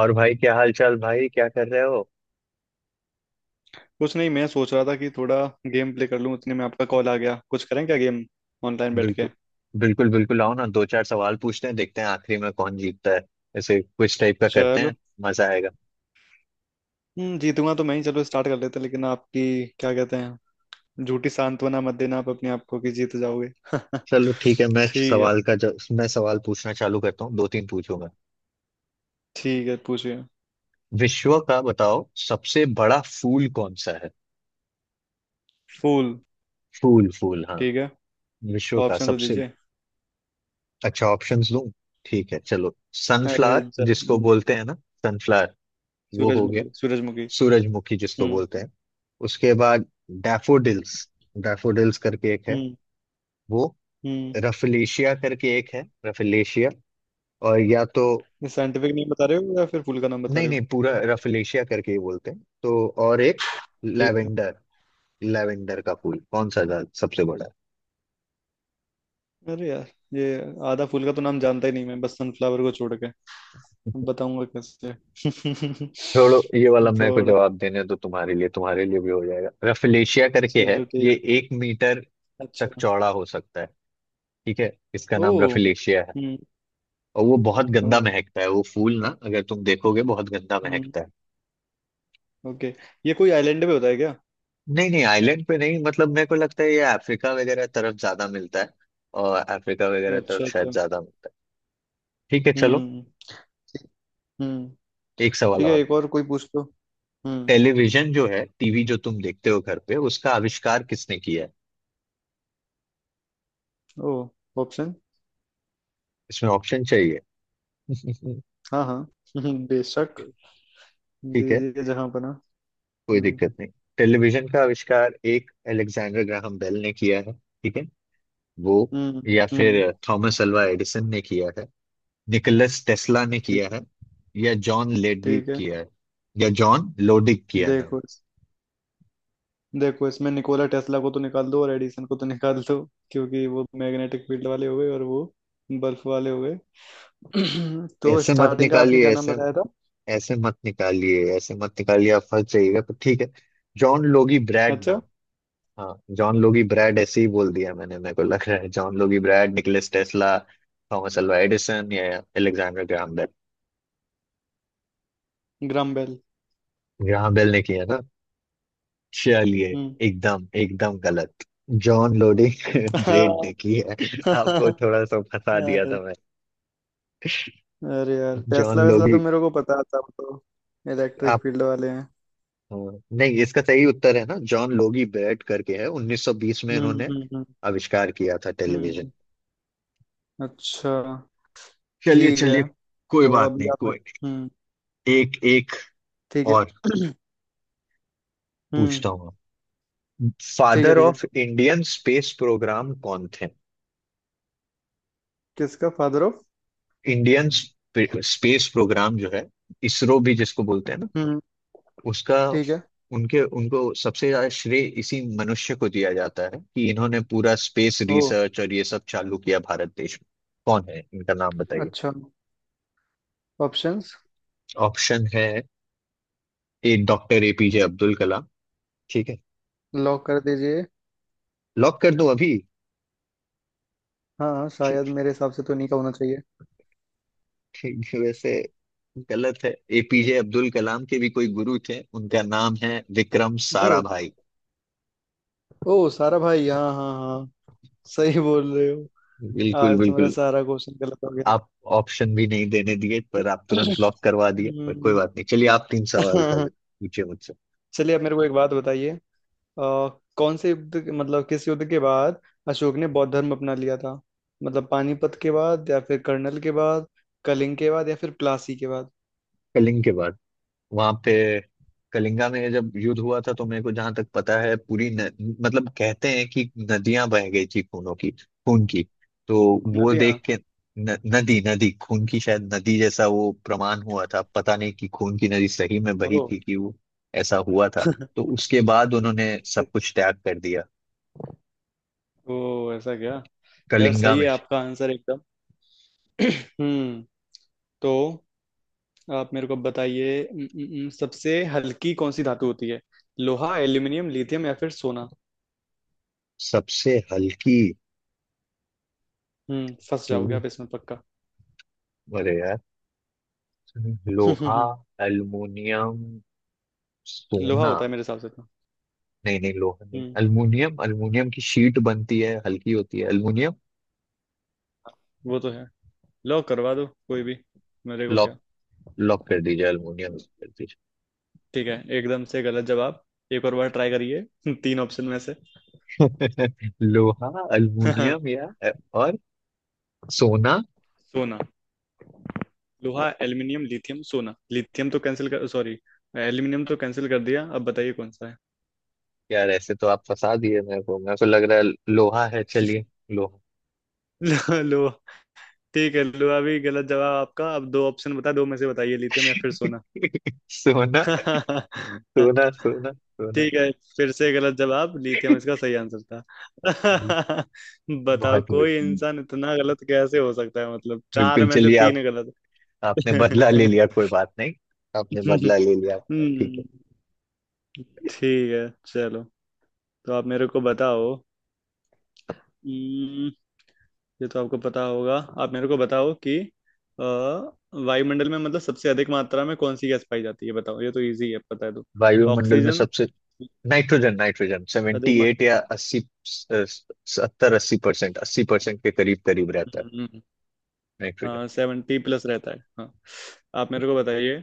और भाई क्या हाल चाल? भाई क्या कर रहे हो? कुछ नहीं। मैं सोच रहा था कि थोड़ा गेम प्ले कर लूं, उतने में आपका कॉल आ गया। कुछ करें क्या, गेम ऑनलाइन बैठ बिल्कुल के? बिल्कुल बिल्कुल आओ ना, दो चार सवाल पूछते हैं, देखते हैं आखिरी में कौन जीतता है। ऐसे कुछ टाइप का करते चलो। हैं। मजा आएगा। हम्म, जीतूंगा तो मैं ही। चलो स्टार्ट कर लेते हैं, लेकिन आपकी क्या कहते हैं, झूठी सांत्वना मत देना आप अपने आप को कि जीत जाओगे चलो ठीक है। ठीक है। मैं सवाल पूछना चालू करता हूँ, दो तीन पूछूंगा। ठीक है, पूछिए। विश्व का बताओ सबसे बड़ा फूल कौन सा है? फूल। फूल फूल, हाँ। ठीक है। विश्व का ऑप्शन तो सबसे। दीजिए। अच्छा, ऑप्शंस दूं? ठीक है चलो। अरे सनफ्लावर जिसको ज- बोलते हैं ना, सनफ्लावर, वो हो गया सूरजमुखी सूरजमुखी। सूरजमुखी जिसको हम्म बोलते हैं। उसके बाद डैफोडिल्स, डैफोडिल्स करके एक है हम्म वो। हम्म। रफलेशिया करके एक है, रफलेशिया। और या तो। साइंटिफिक नेम बता रहे हो या फिर फूल का नाम बता नहीं रहे नहीं, हो? पूरा रफलेशिया करके ही बोलते हैं। तो और एक ठीक है। लैवेंडर, लैवेंडर का फूल। कौन सा ज्यादा- सबसे बड़ा है? अरे यार, ये आधा फूल का तो नाम जानता ही नहीं मैं, बस सनफ्लावर को छोड़ के बताऊंगा कैसे छोड़ो ये वाला, मेरे को थोड़ा जवाब देने दो। तुम्हारे लिए, तुम्हारे लिए भी हो जाएगा। रफलेशिया करके है चलो ठीक। ये, 1 मीटर तक अच्छा। चौड़ा हो सकता है। ठीक है, इसका ओ। नाम रफलेशिया है। हम्म। और वो बहुत ओ। गंदा महकता है वो फूल ना, अगर तुम देखोगे बहुत गंदा हम्म। महकता है। ओके। ये कोई आइलैंड पे होता है क्या? नहीं नहीं आइलैंड पे नहीं, मतलब मेरे को लगता है ये अफ्रीका वगैरह तरफ ज्यादा मिलता है। और अफ्रीका वगैरह तरफ अच्छा शायद अच्छा। ज्यादा मिलता है। ठीक है चलो। हम्म। हम्म। एक सवाल ठीक है, और। एक और कोई पूछ लो। हम्म। टेलीविजन जो है, टीवी जो तुम देखते हो घर पे, उसका आविष्कार किसने किया है? ओ। ऑप्शन। इसमें ऑप्शन चाहिए? हाँ हाँ। बेशक। ठीक है, दीजिए जहाँ बना। कोई हम्म दिक्कत नहीं। टेलीविजन का आविष्कार एक अलेक्जेंडर ग्राहम बेल ने किया है ठीक है वो। हम्म या फिर हम्म। थॉमस अल्वा एडिसन ने किया है। निकोलस टेस्ला ने ठीक किया है। है। या जॉन लेडी ठीक है। किया है। या जॉन लोडिक किया नाम। देखो इस- देखो इसमें निकोला टेस्ला को तो निकाल दो और एडिसन को तो निकाल दो, क्योंकि वो मैग्नेटिक फील्ड वाले हो गए और वो बल्ब वाले हो गए। तो ऐसे मत स्टार्टिंग का आपने निकालिए क्या नाम ऐसे। बताया था? ऐसे मत निकालिए, ऐसे मत निकालिए, आप फंस जाइएगा तो ठीक है। जॉन लोगी ब्रैड अच्छा। नाम। हाँ जॉन लोगी ब्रैड ऐसे ही बोल दिया मैंने, मेरे को लग रहा है John Logie Baird, Nicholas Tesla, Thomas Alva Edison या Alexander Graham Bell. Graham Bell. Graham Bell ने किया ना? चलिए हम्म। एकदम एकदम गलत। जॉन लोडिक ब्रेड ने की है। आपको थोड़ा सा फंसा दिया अरे। था। अरे यार, टेस्ला जॉन वेस्ला लोगी। तो मेरे को पता था, वो तो इलेक्ट्रिक आप। फील्ड वाले हैं। हाँ, नहीं, इसका सही उत्तर है ना जॉन लोगी बेट करके, है 1920 में इन्होंने हम्म। आविष्कार किया था टेलीविजन। हम्म। अच्छा। चलिए ठीक है। चलिए, कोई तो बात अभी नहीं। आप। कोई हम्म। नहीं। एक एक ठीक है। और हम्म। पूछता हूँ। ठीक है। फादर ठीक है। ऑफ इंडियन स्पेस प्रोग्राम कौन थे? किसका father of? Indian space program जो है, इसरो भी जिसको बोलते हैं ना हम्म। उसका। ठीक है। उनके उनको सबसे ज्यादा श्रेय इसी मनुष्य को दिया जाता है कि इन्होंने पूरा स्पेस ओ। रिसर्च और ये सब चालू किया भारत देश में। कौन है? इनका नाम बताइए। अच्छा। ऑप्शंस। ऑप्शन है, A doctor APJ Abdul Kalam. ठीक है, लॉक कर दीजिए। लॉक कर दो अभी? हाँ हाँ, शायद ठीक। मेरे हिसाब से तो नहीं का होना चाहिए। ठीक है, वैसे गलत है। एपीजे अब्दुल कलाम के भी कोई गुरु थे, उनका नाम है विक्रम ओ। साराभाई। ओ सारा भाई, हाँ हाँ हाँ। सही बोल रहे हो। बिल्कुल आज तुम्हारा बिल्कुल। सारा क्वेश्चन गलत हो गया। आप ऑप्शन भी नहीं देने दिए, पर आप तुरंत लॉक करवा दिए, पर कोई हम्म, बात नहीं। चलिए आप तीन सवाल का पूछिए मुझसे। चलिए अब मेरे को एक बात बताइए। अ, कौन से मतलब किस युद्ध के बाद अशोक ने बौद्ध धर्म अपना लिया था? मतलब पानीपत के बाद या फिर कर्नल के बाद, कलिंग के बाद या फिर प्लासी के बाद? कलिंग के बाद। वहां पे कलिंगा में जब युद्ध हुआ था, तो मेरे को जहां तक पता है पूरी न, मतलब कहते हैं कि नदियां बह गई थी खूनों की, खून की। तो वो नदियाँ। देख के न, नदी नदी खून की, शायद नदी जैसा वो प्रमाण हुआ था, पता नहीं कि खून की नदी सही में बही ओ। थी कि वो ऐसा हुआ था। तो उसके बाद उन्होंने सब कुछ त्याग कर दिया ओ ऐसा क्या। यार कलिंगा सही में। है आपका आंसर एकदम। हम्म। तो आप मेरे को बताइए, सबसे हल्की कौन सी धातु होती है? लोहा, एल्यूमिनियम, लिथियम या फिर सोना। सबसे हल्की हम्म, फंस तो? जाओगे आप इसमें पक्का। अरे यार, लोहा, एल्युमिनियम, लोहा सोना। होता है मेरे हिसाब से तो। नहीं नहीं लोहा नहीं, हम्म। अल्मीनियम, अल्मीनियम की शीट बनती है, हल्की होती है अल्मीनियम। वो तो है। लो करवा दो कोई भी, मेरे को क्या। लॉक, लॉक कर दीजिए अल्मीनियम लॉक कर दीजिए। ठीक है, एकदम से गलत जवाब। एक और बार ट्राई करिए तीन ऑप्शन में से। लोहा, अल्मीनियम या और सोना। सोना। लोहा, एल्यूमिनियम, लिथियम, सोना। लिथियम तो कैंसिल कर, सॉरी एल्यूमिनियम तो कैंसिल कर दिया, अब बताइए कौन सा यार ऐसे तो आप फंसा दिए मेरे को। मेरे को लग रहा है लोहा है चलिए। लोहा। है। लोहा। ठीक है, लो अभी गलत जवाब आपका। अब दो ऑप्शन बता दो में से बताइए, लिथियम या फिर सोना। सोना सोना सोना। सोना। ठीक है, फिर से गलत जवाब। लिथियम इसका सही आंसर था। बताओ बहुत कोई बढ़िया। इंसान इतना गलत कैसे हो सकता है, मतलब चार बिल्कुल में से चलिए। आप, तीन गलत। आपने बदला ले लिया कोई बात नहीं, आपने बदला ले लिया अपना ठीक है। हम्म, ठीक है। चलो। तो आप मेरे को बताओ। हम्म, ये तो आपको पता होगा। आप मेरे को बताओ कि अ, वायुमंडल में मतलब सबसे अधिक मात्रा में कौन सी गैस पाई जाती है, बताओ ये तो इजी है पता है तो। वायुमंडल में ऑक्सीजन। सबसे। नाइट्रोजन। नाइट्रोजन अधिक 70 या 80। 70 80%, 80% के करीब करीब रहता है मात्रा। नाइट्रोजन। हाँ, सेवेंटी प्लस रहता है, हाँ। आप मेरे को बताइए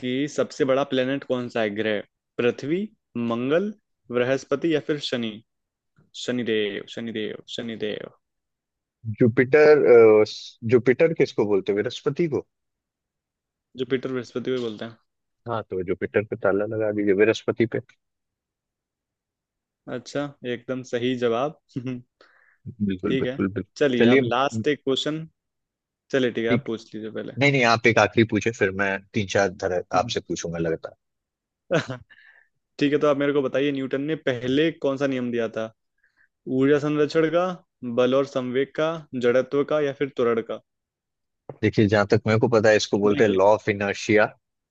कि सबसे बड़ा प्लेनेट कौन सा है ग्रह? पृथ्वी, मंगल, बृहस्पति या फिर शनि। शनिदेव शनिदेव शनिदेव। जुपिटर। जुपिटर किसको बोलते हैं, बृहस्पति को। जुपिटर बृहस्पति को बोलते हैं। हाँ तो जुपिटर पे ताला लगा दीजिए, बृहस्पति पे। अच्छा। एकदम सही जवाब बिल्कुल ठीक है। बिल्कुल बिल्कुल चलिए, चलिए अब लास्ट एक क्वेश्चन। चलिए ठीक है, आप ठीक। पूछ लीजिए पहले। नहीं नहीं, आप एक आखिरी पूछे फिर मैं तीन चार धर आपसे पूछूंगा लगातार। ठीक है, तो आप मेरे को बताइए न्यूटन ने पहले कौन सा नियम दिया था? ऊर्जा संरक्षण का, बल और संवेग का, जड़त्व का या फिर त्वरण का? देखिए जहां तक मेरे को पता है इसको बोलते हैं देखिए। लॉ ऑफ इनर्शिया,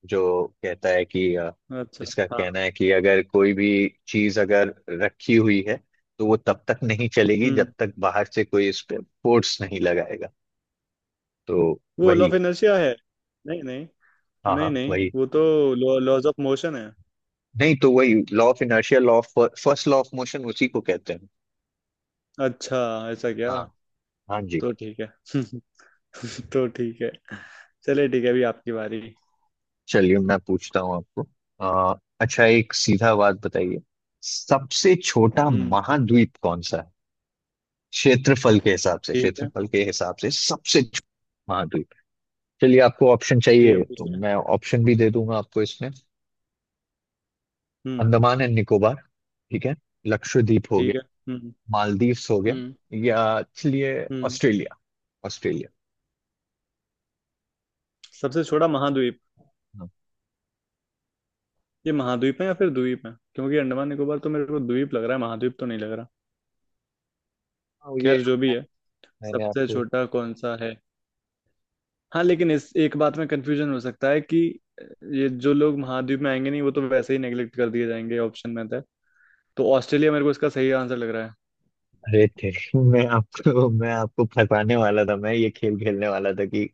जो कहता है कि अच्छा। इसका हाँ। कहना है कि अगर कोई भी चीज अगर रखी हुई है, तो वो तब तक नहीं चलेगी हम्म। जब तक बाहर से कोई इस पे फोर्स नहीं लगाएगा। तो वो लॉ वही ऑफ है। इनर्शिया है। नहीं नहीं। हाँ नहीं हाँ नहीं वही। वो तो लॉज ऑफ मोशन है। नहीं तो वही law of inertia, law of first law of motion उसी को कहते हैं। अच्छा, ऐसा क्या। हाँ। हाँ जी। तो ठीक है। तो ठीक है। चलिए ठीक है, अभी आपकी बारी। चलिए मैं पूछता हूँ आपको। अच्छा एक सीधा बात बताइए, सबसे छोटा हम्म। महाद्वीप कौन सा है? क्षेत्रफल के हिसाब से, ठीक है। क्षेत्रफल के हिसाब से सबसे छोटा महाद्वीप। चलिए आपको ऑप्शन ठीक है, चाहिए तो पूछिए। मैं ऑप्शन भी दे दूंगा आपको इसमें। हम्म। अंडमान एंड निकोबार ठीक है, लक्षद्वीप हो ठीक है। गया, हम्म। मालदीव्स हो गया, हम्म। या चलिए हम्म। Australia, Australia. सबसे छोटा महाद्वीप? हाँ। ये महाद्वीप है या फिर द्वीप है, क्योंकि अंडमान निकोबार तो मेरे को द्वीप लग रहा है महाद्वीप तो नहीं लग रहा। हाँ, खैर जो भी है, मैंने सबसे आपको। छोटा कौन सा है। हाँ लेकिन इस एक बात में कंफ्यूजन हो सकता है कि ये जो लोग महाद्वीप में आएंगे नहीं, वो तो वैसे ही नेग्लेक्ट कर दिए जाएंगे, ऑप्शन में था तो ऑस्ट्रेलिया मेरे को इसका सही आंसर लग रहा है। अरे थे, मैं आपको फंसाने वाला था, मैं ये खेल खेलने वाला था कि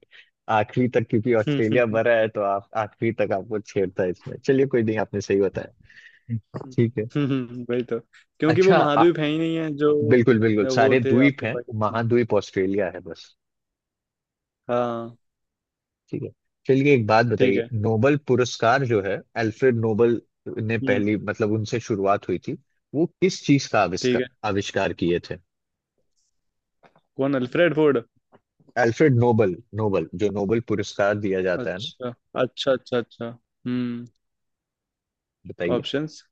आखिरी तक, क्योंकि ऑस्ट्रेलिया भरा है तो आप आखिरी तक, आपको छेड़ता है इसमें। चलिए कोई नहीं, आपने सही बताया। ठीक है। वही तो। क्योंकि वो अच्छा, महाद्वीप है ही नहीं है जो। बिल्कुल बिल्कुल, वो सारे थे द्वीप आपने हैं, पाकिस्तान। महाद्वीप ऑस्ट्रेलिया है बस। हाँ। ठीक है चलिए एक बात ठीक बताइए, है। नोबल पुरस्कार जो है, अल्फ्रेड नोबल ने हम्म। पहली, मतलब उनसे शुरुआत हुई थी। वो किस चीज का ठीक आविष्कार है। आविष्कार किए थे? कौन, Alfred Ford? Alfred Nobel, Nobel जो नोबल पुरस्कार दिया जाता है ना। अच्छा अच्छा अच्छा। अच्छा। हम्म। बताइए। ऑप्शंस।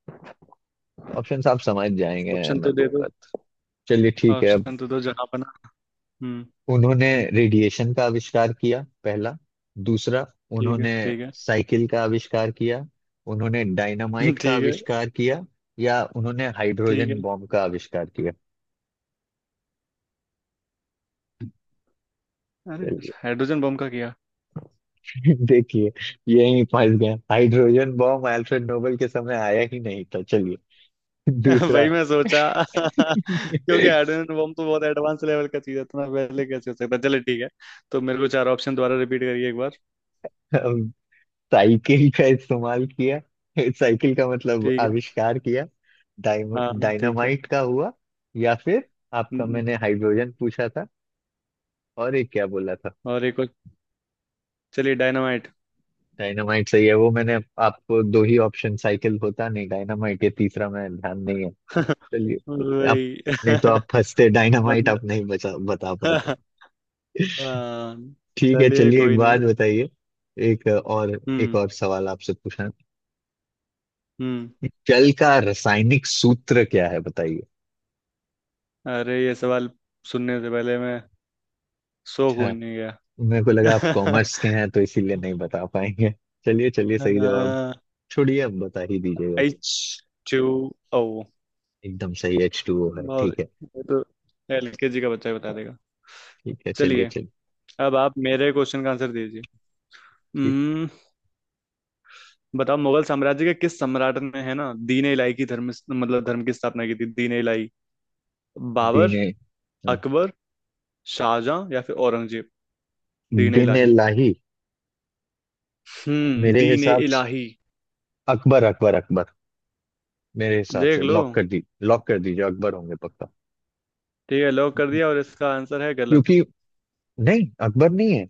ऑप्शन आप समझ जाएंगे। ऑप्शन तो मैं दे दो। दूंगा, चलिए ठीक है। ऑप्शन तो दो जहाँ बना। हम्म। उन्होंने रेडिएशन का आविष्कार किया, पहला। दूसरा, ठीक है। उन्होंने ठीक है। साइकिल का आविष्कार किया। उन्होंने डायनामाइट का ठीक है। आविष्कार किया। या उन्होंने ठीक है। हाइड्रोजन बॉम्ब का आविष्कार किया। अरे। चलिए। हाइड्रोजन बम का किया। देखिए, यही फंस गया। हाइड्रोजन बॉम्ब अल्फ्रेड नोबेल के समय आया ही नहीं था। चलिए वही दूसरा। मैं सोचा। क्योंकि हाइड्रोजन बम तो बहुत एडवांस लेवल का चीज है, इतना पहले कैसे हो सकता है। चलो ठीक है। तो मेरे को चार ऑप्शन दोबारा रिपीट करिए एक बार। हम, साइकिल का इस्तेमाल किया, साइकिल का मतलब ठीक है। आविष्कार किया। हाँ ठीक है। डायनामाइट का हुआ। या फिर हम्म, आपका, हम्म। मैंने हाइड्रोजन पूछा था, और एक क्या बोला था? और एक और। चलिए, डायनामाइट। डायनामाइट सही है वो, मैंने आपको दो ही ऑप्शन, साइकिल होता नहीं, डायनामाइट, ये तीसरा मैं ध्यान नहीं है। चलिए आप। वही। नहीं तो आप फंसते, डायनामाइट मतलब। आप नहीं बचा बता पाते। हाँ। ठीक है चलिए चलिए एक कोई बात नहीं। बताइए, एक हम्म। और सवाल आपसे पूछना हम्म। है। जल का रासायनिक सूत्र क्या है बताइए? अरे ये सवाल सुनने से पहले मैं। So अच्छा, konuya. मेरे को लगा आप कॉमर्स के हैं तो इसीलिए नहीं बता पाएंगे। चलिए चलिए सही जवाब, छोड़िए, अब बता ही दीजिएगा कि। H two O. एकदम सही, एच टू ओ है बहुत। ठीक है। ये तो एलकेजी का बच्चा ही बता देगा। ठीक है चलिए चलिए। चलिए। अब आप मेरे क्वेश्चन का आंसर दीजिए। हम्म। बताओ मुगल साम्राज्य के किस सम्राट ने है ना दीन इलाही की धर्म मतलब धर्म की स्थापना की थी, दीन इलाही? बाबर, दीने, अकबर, शाहजहां या फिर औरंगजेब। दीन दीने इलाही। लाही। हम्म, मेरे दीन हिसाब से इलाही। अकबर, अकबर अकबर। मेरे हिसाब देख से लो। लॉक कर दी, लॉक कर दीजिए, अकबर होंगे पक्का। ठीक है, लॉक कर दिया और इसका आंसर है गलत। क्योंकि। नहीं अकबर नहीं है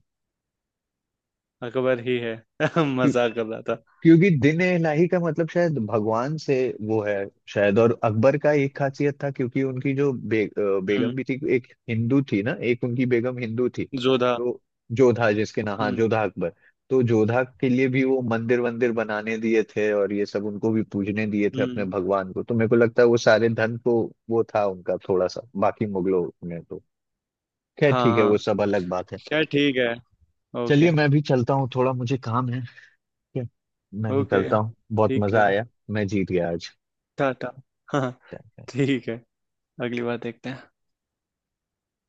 अकबर ही है, क्यों- मजाक कर रहा था। क्योंकि दिन ए इलाही का मतलब शायद भगवान से वो है शायद। और अकबर का एक खासियत था, क्योंकि उनकी जो हम्म, बेगम भी थी, एक हिंदू थी ना, एक उनकी बेगम हिंदू थी। जोधा। तो जोधा जिसके नाम, हाँ हम्म। जोधा अकबर। तो जोधा के लिए भी वो मंदिर वंदिर बनाने दिए थे, और ये सब उनको भी पूजने दिए थे अपने हम्म। भगवान को, तो मेरे को लगता है वो सारे धन को वो था उनका थोड़ा सा, बाकी मुगलों में तो। खैर हाँ ठीक है, हाँ। वो सब अलग बात है। क्या, ठीक है। चलिए ओके। मैं भी चलता हूँ, थोड़ा मुझे काम है। ठीक है, मैं ओके। निकलता हूँ, बहुत ठीक मजा है। आया। मैं जीत गया आज। टाटा। हाँ। ठीक है। अगली बार देखते हैं।